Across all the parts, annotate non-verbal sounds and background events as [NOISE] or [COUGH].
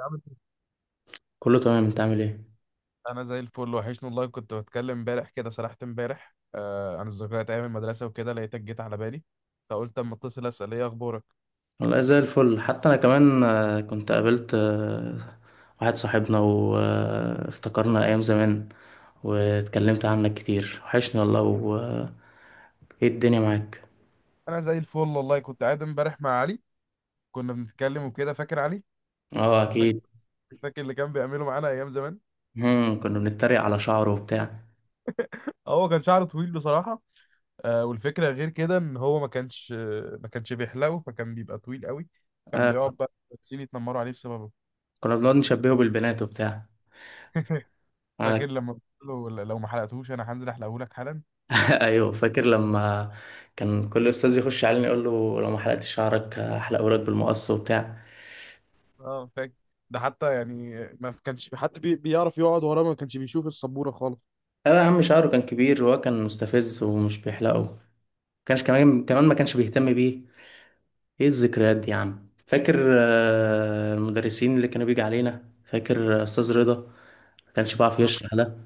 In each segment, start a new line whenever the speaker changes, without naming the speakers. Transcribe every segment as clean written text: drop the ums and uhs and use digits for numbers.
عامل إيه؟
كله تمام، انت عامل ايه؟
انا زي الفل، وحشني والله. كنت بتكلم امبارح، كده سرحت امبارح عن الذكريات ايام المدرسه وكده، لقيتك جيت على بالي. فقلت اما اتصل اسال ايه اخبارك.
والله زي الفل، حتى انا كمان كنت قابلت واحد صاحبنا وافتكرنا ايام زمان، واتكلمت عنك كتير، وحشني والله و آه، ايه الدنيا معاك؟
انا زي الفل والله، كنت قاعد امبارح مع علي، كنا بنتكلم وكده. فاكر علي؟
اه
فاكر؟
اكيد.
فاكر اللي كان بيعمله معانا ايام زمان؟
مم. كنا بنتريق على شعره وبتاع.
هو كان شعره طويل بصراحه. آه، والفكره غير كده ان هو ما كانش، ما كانش بيحلقه، فكان بيبقى طويل قوي. كان
آه.
بيقعد بقى المدرسين يتنمروا عليه بسببه.
كنا بنقعد نشبهه بالبنات وبتاع. آه.
فاكر لما قلت له لو ما حلقتهوش انا هنزل احلقه لك حالا؟
[LAUGHS] ايوه، فاكر لما كان كل استاذ يخش علينا يقول له لو ما حلقتش شعرك هحلقه لك بالمقص وبتاع.
اه فاكر. ده حتى يعني ما كانش في حد بيعرف يقعد وراه، ما كانش بيشوف السبورة خالص.
اه يا عم، شعره كان كبير، وهو كان مستفز ومش بيحلقه، كانش كمان كمان ما كانش بيهتم بيه. ايه الذكريات دي يا عم، فاكر المدرسين اللي كانوا بيجي علينا؟ فاكر استاذ رضا، ما كانش بيعرف
آه.
يشرح ده؟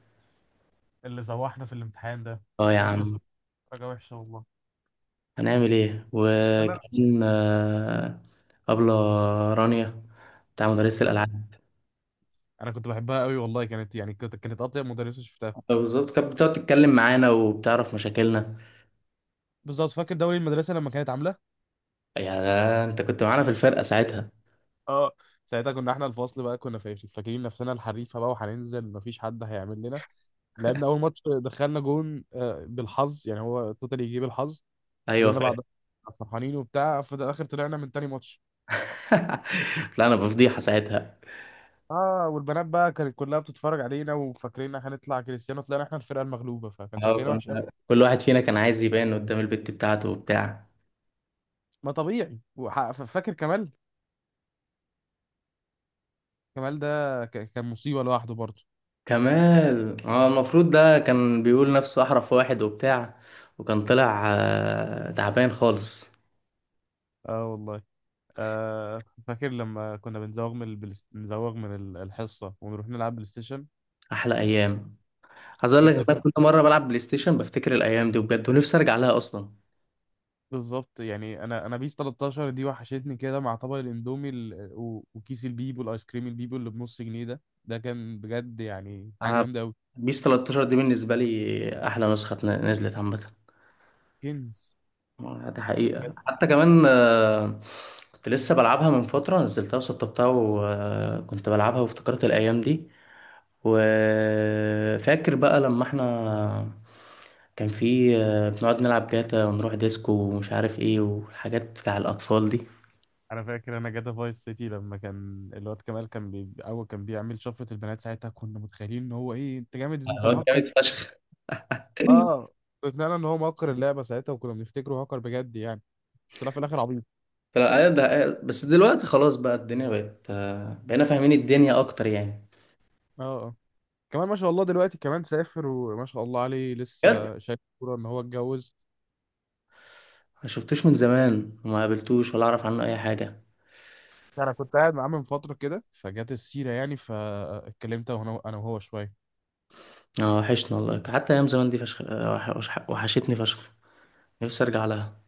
اللي زوحنا في الامتحان ده،
اه يا
جبت
عم.
درجة وحشة والله.
هنعمل ايه؟
لا لا.
وكمان أبلة رانيا، بتاع مدرسة الألعاب.
انا كنت بحبها قوي والله، كانت يعني كانت اطيب مدرسه شفتها.
بالظبط، كانت بتقعد تتكلم معانا وبتعرف مشاكلنا.
بالظبط، فاكر دوري المدرسه لما كانت عامله؟
يا ده انت كنت معانا في الفرقة ساعتها.
اه ساعتها، كنا احنا الفصل بقى، كنا فاكرين نفسنا الحريفه بقى، وهننزل مفيش حد هيعمل لنا. لعبنا اول ماتش دخلنا جون بالحظ يعني، هو توتالي يجيب الحظ.
ايوه
فضلنا
فاكر.
بعد فرحانين وبتاع، في الاخر طلعنا من تاني ماتش.
[LAUGHS] طلعنا بفضيحة ساعتها.
اه والبنات بقى كانت كلها بتتفرج علينا وفاكرين هنطلع كريستيانو، طلعنا احنا الفرقه المغلوبه، فكان
اه
شكلنا وحش قوي.
كنا، كل واحد فينا كان عايز يبان قدام البت بتاعته وبتاع.
ما طبيعي، فاكر كمال؟ كمال ده كان مصيبه لوحده برضه.
كمال، اه، المفروض ده كان بيقول نفسه احرف واحد وبتاع، وكان طلع تعبان خالص.
اه والله. آه، فاكر لما كنا بنزوغ من الحصه ونروح نلعب بلاي ستيشن؟
احلى ايام. عايز اقول لك
بيس
ان
2000.
انا كل مره بلعب بلاي ستيشن بفتكر الايام دي بجد، ونفسي ارجع لها اصلا.
بالظبط، يعني انا بيس 13 دي وحشتني كده، مع طبق الاندومي وكيس البيبو، الايس كريم البيبو اللي بنص جنيه ده، ده كان بجد يعني حاجه
انا
جامده قوي.
بيس 13 دي بالنسبه لي احلى نسخه نزلت عامه.
كنز.
دي حقيقه، حتى كمان كنت لسه بلعبها من فتره، نزلتها وسطبتها وكنت بلعبها وافتكرت الايام دي. وفاكر بقى لما احنا كان في بنقعد نلعب جاتا ونروح ديسكو ومش عارف ايه والحاجات بتاع الأطفال دي.
انا فاكر انا جاتا فايس سيتي، لما كان الواد كمال كان اول كان بيعمل شفره البنات، ساعتها كنا متخيلين ان هو ايه، انت جامد، انت
الواد
مهكر.
جامد فشخ. [LAUGHS]
اه فعلا ان هو مهكر اللعبه ساعتها، وكنا بنفتكره هاكر بجد يعني. طلع في الاخر عبيط.
بس دلوقتي خلاص بقى، الدنيا بقت آه، بقينا فاهمين الدنيا أكتر يعني.
اه اه. كمان ما شاء الله دلوقتي، كمان سافر وما شاء الله عليه،
بجد.
لسه شايف كوره، ان هو اتجوز.
ما شفتوش من زمان وما قابلتوش ولا أعرف عنه أي حاجة.
انا كنت قاعد معاه من فتره كده، فجت السيره يعني، فاتكلمت انا وهو شويه.
اه وحشنا والله، حتى أيام زمان دي فشخ، وحشتني فشخ، نفسي أرجع لها.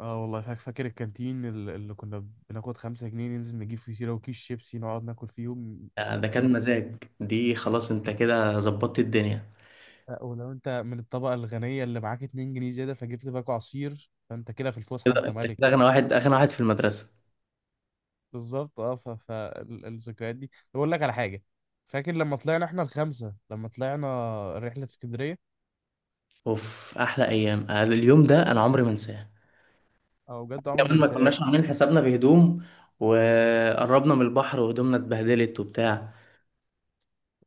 اه والله فاكر الكانتين اللي كنا بناخد خمسة جنيه ننزل نجيب فيه سيرة وكيس شيبسي نقعد ناكل فيهم؟
ده كان مزاج. دي خلاص أنت كده ظبطت الدنيا.
لا، ولو انت من الطبقة الغنية اللي معاك 2 جنيه زيادة فجبت باكو عصير، فانت كده في الفسحة
كده
انت
انت
ملك.
كده اغنى واحد، اغنى واحد في المدرسه.
بالظبط اه. فالذكريات دي بقول لك على حاجة، فاكر لما طلعنا احنا الخمسة لما طلعنا رحلة اسكندرية؟
اوف، احلى ايام. اليوم ده انا عمري ما انساه.
او بجد، عمري ما
كمان ما
انساه.
كناش عاملين حسابنا في هدوم، وقربنا من البحر وهدومنا اتبهدلت وبتاع،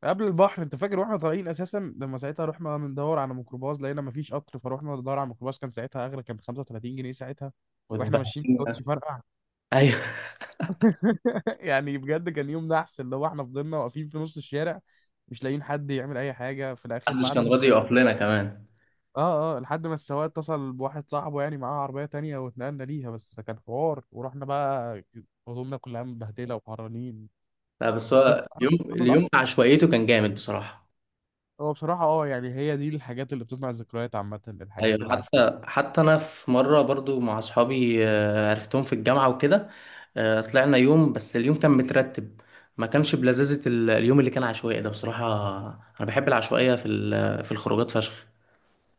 قبل البحر، انت فاكر واحنا طالعين اساسا، لما ساعتها رحنا ندور على ميكروباص، لقينا مفيش قطر، فروحنا ندور على ميكروباص، كان ساعتها اغلى، كان ب 35 جنيه ساعتها. واحنا
واتبهدلنا.
ماشيين الكوتش فرقع.
ايوه. [LAUGHS]
[LAUGHS] يعني بجد كان يوم نحس، اللي هو احنا فضلنا واقفين في نص الشارع، مش لاقيين حد يعمل اي حاجه. في الاخر
محدش
بعد
كان
نص
راضي يقف
ساعة،
لنا كمان.
اه اه لحد ما السواق اتصل بواحد صاحبه يعني معاه عربيه تانية، واتنقلنا ليها. بس ده كان حوار، ورحنا بقى هدومنا كلها متبهدله وحرانين.
لا بس
قلت
هو،
له،
اليوم
"أنا
اليوم
الأكتر".
عشوائيته كان جامد بصراحه.
هو بصراحه اه يعني، هي دي الحاجات اللي بتصنع الذكريات عامه، الحاجات
ايوه،
اللي،
حتى انا في مره برضو مع اصحابي، عرفتهم في الجامعه وكده. طلعنا يوم، بس اليوم كان مترتب، ما كانش بلذاذه اليوم اللي كان عشوائي ده بصراحه. انا بحب العشوائيه في الخروجات فشخ.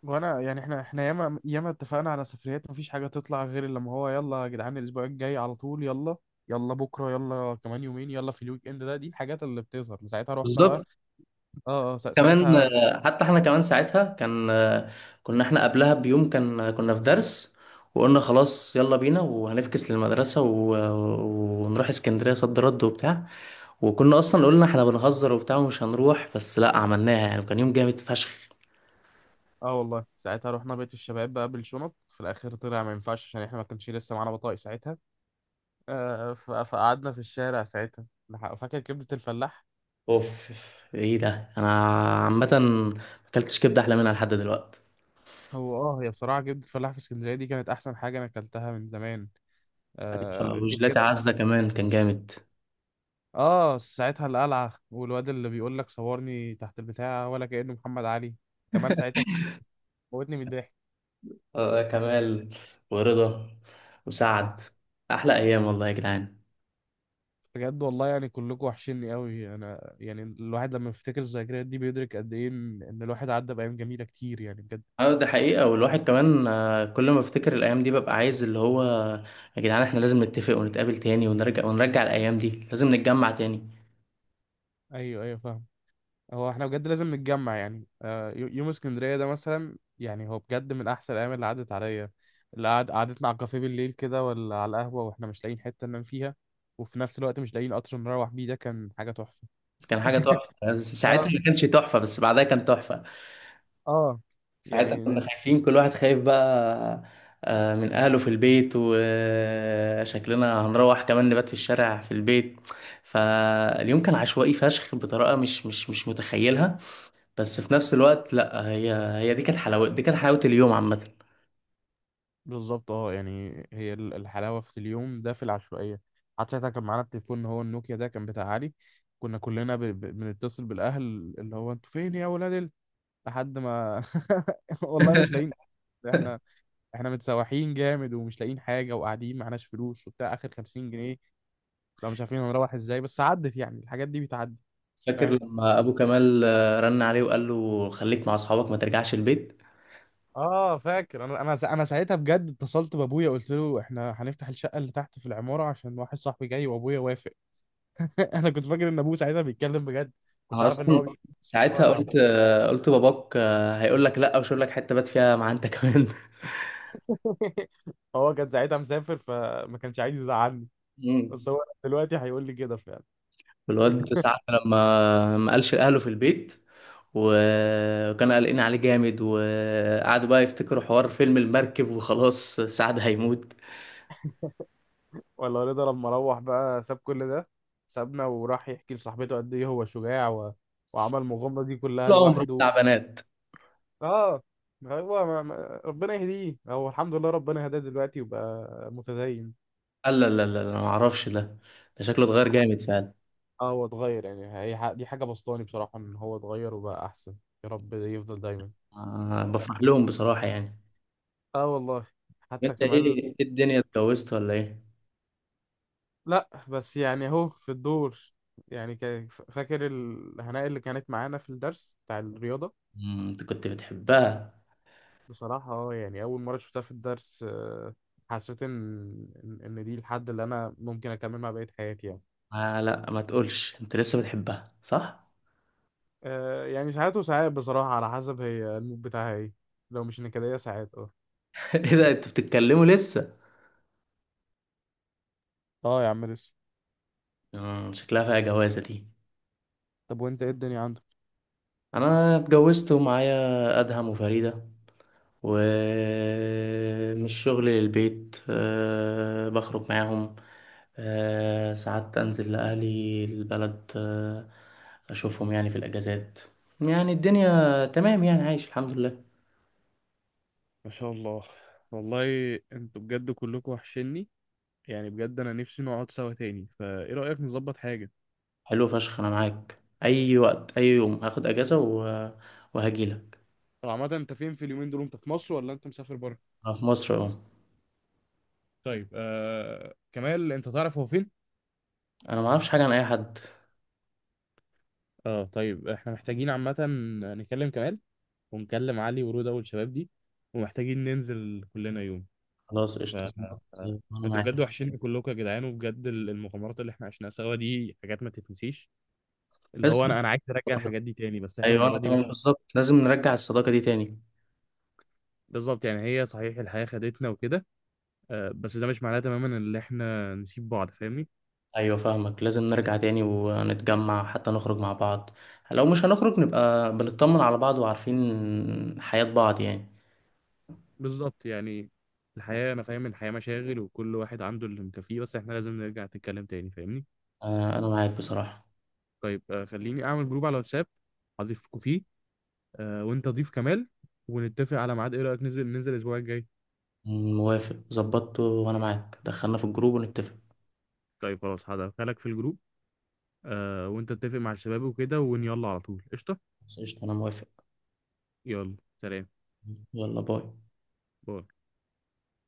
وانا يعني، احنا احنا ياما اتفقنا على سفريات مفيش حاجه تطلع غير لما هو، يلا يا جدعان الاسبوع الجاي على طول، يلا يلا بكره، يلا كمان يومين، يلا في الويك اند ده. دي الحاجات اللي بتظهر ساعتها، رحنا
بالظبط.
بقى. اه اه
كمان
ساعتها.
حتى احنا كمان ساعتها كان كنا احنا قبلها بيوم كان كنا في درس، وقلنا خلاص يلا بينا وهنفكس للمدرسه ونروح اسكندريه، صد رد وبتاع. وكنا اصلا قلنا احنا بنهزر وبتاع ومش هنروح، بس لا عملناها يعني، وكان يوم جامد فشخ.
اه والله ساعتها رحنا بيت الشباب بقى بالشنط، في الاخر طلع ما ينفعش عشان احنا ما كانش لسه معانا بطايق ساعتها. آه فقعدنا في الشارع ساعتها. فاكر كبده الفلاح؟
اوف أوف، ايه ده! انا عامه ما اكلتش كبده احلى منها لحد دلوقتي.
هو اه، هي بصراحه كبده الفلاح في اسكندريه دي كانت احسن حاجه انا اكلتها من زمان. آه غير
وجلاتي
كده.
عزه كمان كان جامد.
اه ساعتها القلعة، والواد اللي بيقول لك صورني تحت البتاع، ولا كأنه محمد علي. كمال ساعتها موتني من الضحك.
كمال ورضا وسعد، احلى ايام والله يا جدعان.
بجد والله، يعني كلكم وحشني قوي انا، يعني الواحد لما بيفتكر الذكريات دي بيدرك قد ايه إن الواحد عدى بأيام جميلة كتير يعني بجد.
اه ده حقيقة، والواحد كمان كل ما افتكر الايام دي ببقى عايز، اللي هو يا جدعان احنا لازم نتفق ونتقابل تاني، ونرجع ونرجع الايام دي، لازم نتجمع تاني.
ايوه ايوه فاهم. هو احنا بجد لازم نتجمع يعني، يوم اسكندرية ده مثلا، يعني هو بجد من احسن الايام اللي عدت عليا. اللي قعد قعدتنا على الكافيه بالليل كده، ولا على القهوة واحنا مش لاقيين حتة ننام فيها، وفي نفس الوقت مش لاقيين قطر نروح بيه، ده كان حاجة تحفة.
كان حاجة تحفة، بس ساعتها
[LAUGHS]
ما كانش تحفة، بس بعدها كان تحفة.
اه.
ساعتها كنا
يعني
خايفين، كل واحد خايف بقى من أهله في البيت، وشكلنا هنروح كمان نبات في الشارع في البيت. فاليوم كان عشوائي فشخ بطريقة مش متخيلها. بس في نفس الوقت لا، هي دي كانت حلاوة اليوم عامة.
بالظبط اه، يعني هي الحلاوه في اليوم ده في العشوائيه. حتى ساعتها كان معانا التليفون اللي هو النوكيا ده، كان بتاع علي. كنا كلنا بنتصل بالاهل، اللي هو انتوا فين يا ولاد ال... لحد ما [LAUGHS] والله مش لاقيين. [LAUGHS] احنا
[LAUGHS]
احنا متسوحين جامد ومش لاقيين حاجه، وقاعدين معناش فلوس وبتاع، اخر 50 جنيه لو مش عارفين هنروح ازاي. بس عدت يعني، الحاجات دي بتعدي.
فاكر
فاهم.
لما أبو كمال رن عليه وقال له خليك مع أصحابك ما ترجعش البيت؟
اه فاكر، انا ساعتها بجد اتصلت بابويا قلت له احنا هنفتح الشقه اللي تحت في العماره عشان واحد صاحبي جاي، وابويا وافق. [LAUGHS] انا كنت فاكر ان ابوه ساعتها بيتكلم بجد، كنتش عارف ان
اصلا
هو
ساعتها
بيتكلم.
قلت باباك هيقول لك لا وشوف لك حته بات فيها مع انت [LAUGHS] كمان.
[LAUGHS] هو كان ساعتها مسافر، فما كانش عايز يزعلني.
مم.
بس هو دلوقتي هيقول لي كده فعلا.
والواد ساعة لما ما قالش لأهله في البيت، وكانوا قلقين عليه جامد، وقعدوا بقى يفتكروا حوار فيلم المركب وخلاص سعد هيموت.
ولا رضا لما روح بقى، ساب كل ده، سابنا وراح يحكي لصاحبته قد ايه هو شجاع، وعمل المغامره دي كلها
طول عمره
لوحده.
بتاع بنات.
اه هو ما... ما... ربنا يهديه. هو الحمد لله ربنا هداه دلوقتي وبقى متدين.
قال لا لا لا لا، ما اعرفش ده، ده شكله اتغير جامد فعلا.
اه هو اتغير، يعني دي حاجة بسطاني بصراحة ان هو اتغير وبقى احسن. يا رب يفضل دايما.
بفرح لهم بصراحة يعني.
اه والله. حتى
انت، ايه
كمال،
إيه الدنيا، اتجوزت ولا ايه؟
لا بس يعني اهو في الدور. يعني فاكر الهناء اللي كانت معانا في الدرس بتاع الرياضة؟
مم، انت كنت بتحبها.
بصراحة اه، يعني أول مرة شفتها في الدرس حسيت إن دي الحد اللي أنا ممكن أكمل مع بقية حياتي يعني.
آه لا، ما تقولش انت لسه بتحبها صح؟
يعني ساعات وساعات بصراحة، على حسب هي المود بتاعها ايه. لو مش نكدية ساعات اه.
[LAUGHS] ايه ده، انتوا بتتكلموا لسه؟
اه يا عم لسه.
مم، شكلها فيها جوازة دي.
طب وانت ايه الدنيا عندك؟
انا اتجوزت ومعايا ادهم وفريدة، ومش شغل للبيت، أه بخرج معاهم، أه ساعات انزل لاهلي البلد، أه اشوفهم يعني في الاجازات. يعني الدنيا تمام، يعني عايش الحمد لله.
ما شاء الله. والله انتوا بجد كلكم وحشني، يعني بجد انا نفسي نقعد سوا تاني، فايه رأيك نظبط حاجة؟
حلو فشخ، انا معاك اي وقت، اي يوم هاخد اجازة وهجيلك.
طب عامة، انت فين في اليومين دول؟ انت في مصر ولا انت مسافر بره؟
انا في مصر اهو.
طيب آه، كمال انت تعرف هو فين؟
انا ما اعرفش حاجه عن اي حد.
اه طيب، احنا محتاجين عامة نكلم كمال، ونكلم علي ورودة والشباب دي، ومحتاجين ننزل كلنا يوم.
خلاص
ف
قشطه، ظبط.
آه،
انا
انتوا بجد
معاك،
وحشين كلكم يا جدعان، وبجد المغامرات اللي احنا عشناها سوا دي حاجات ما تتنسيش. اللي
لازم.
هو انا عايز ارجع
[LAUGHS]
الحاجات دي تاني، بس احنا
ايوه انا
المرة دي
كمان بالظبط، لازم نرجع الصداقه دي تاني.
بالظبط. يعني هي صحيح الحياة خدتنا وكده، آه، بس ده مش معناه تماما ان احنا نسيب بعض، فاهمني.
ايوه فاهمك، لازم نرجع تاني ونتجمع حتى نخرج مع بعض، لو مش هنخرج نبقى بنطمن على بعض وعارفين حياه بعض يعني.
بالظبط. يعني الحياة، انا فاهم إن الحياة مشاغل وكل واحد عنده اللي مكفيه، بس احنا لازم نرجع نتكلم تاني، فاهمني.
انا معاك بصراحه.
طيب آه، خليني اعمل جروب على واتساب اضيفكوا فيه، آه، وانت ضيف كمال، ونتفق على ميعاد. ايه رأيك ننزل الاسبوع الجاي؟
موافق ظبطته، وانا معاك، دخلنا في الجروب ونتفق.
طيب خلاص، هدخلك في الجروب، آه، وانت اتفق مع الشباب وكده، يلا على طول قشطة.
خلاص، قشطه، انا موافق.
يلا، سلام،
يلا باي.
باي.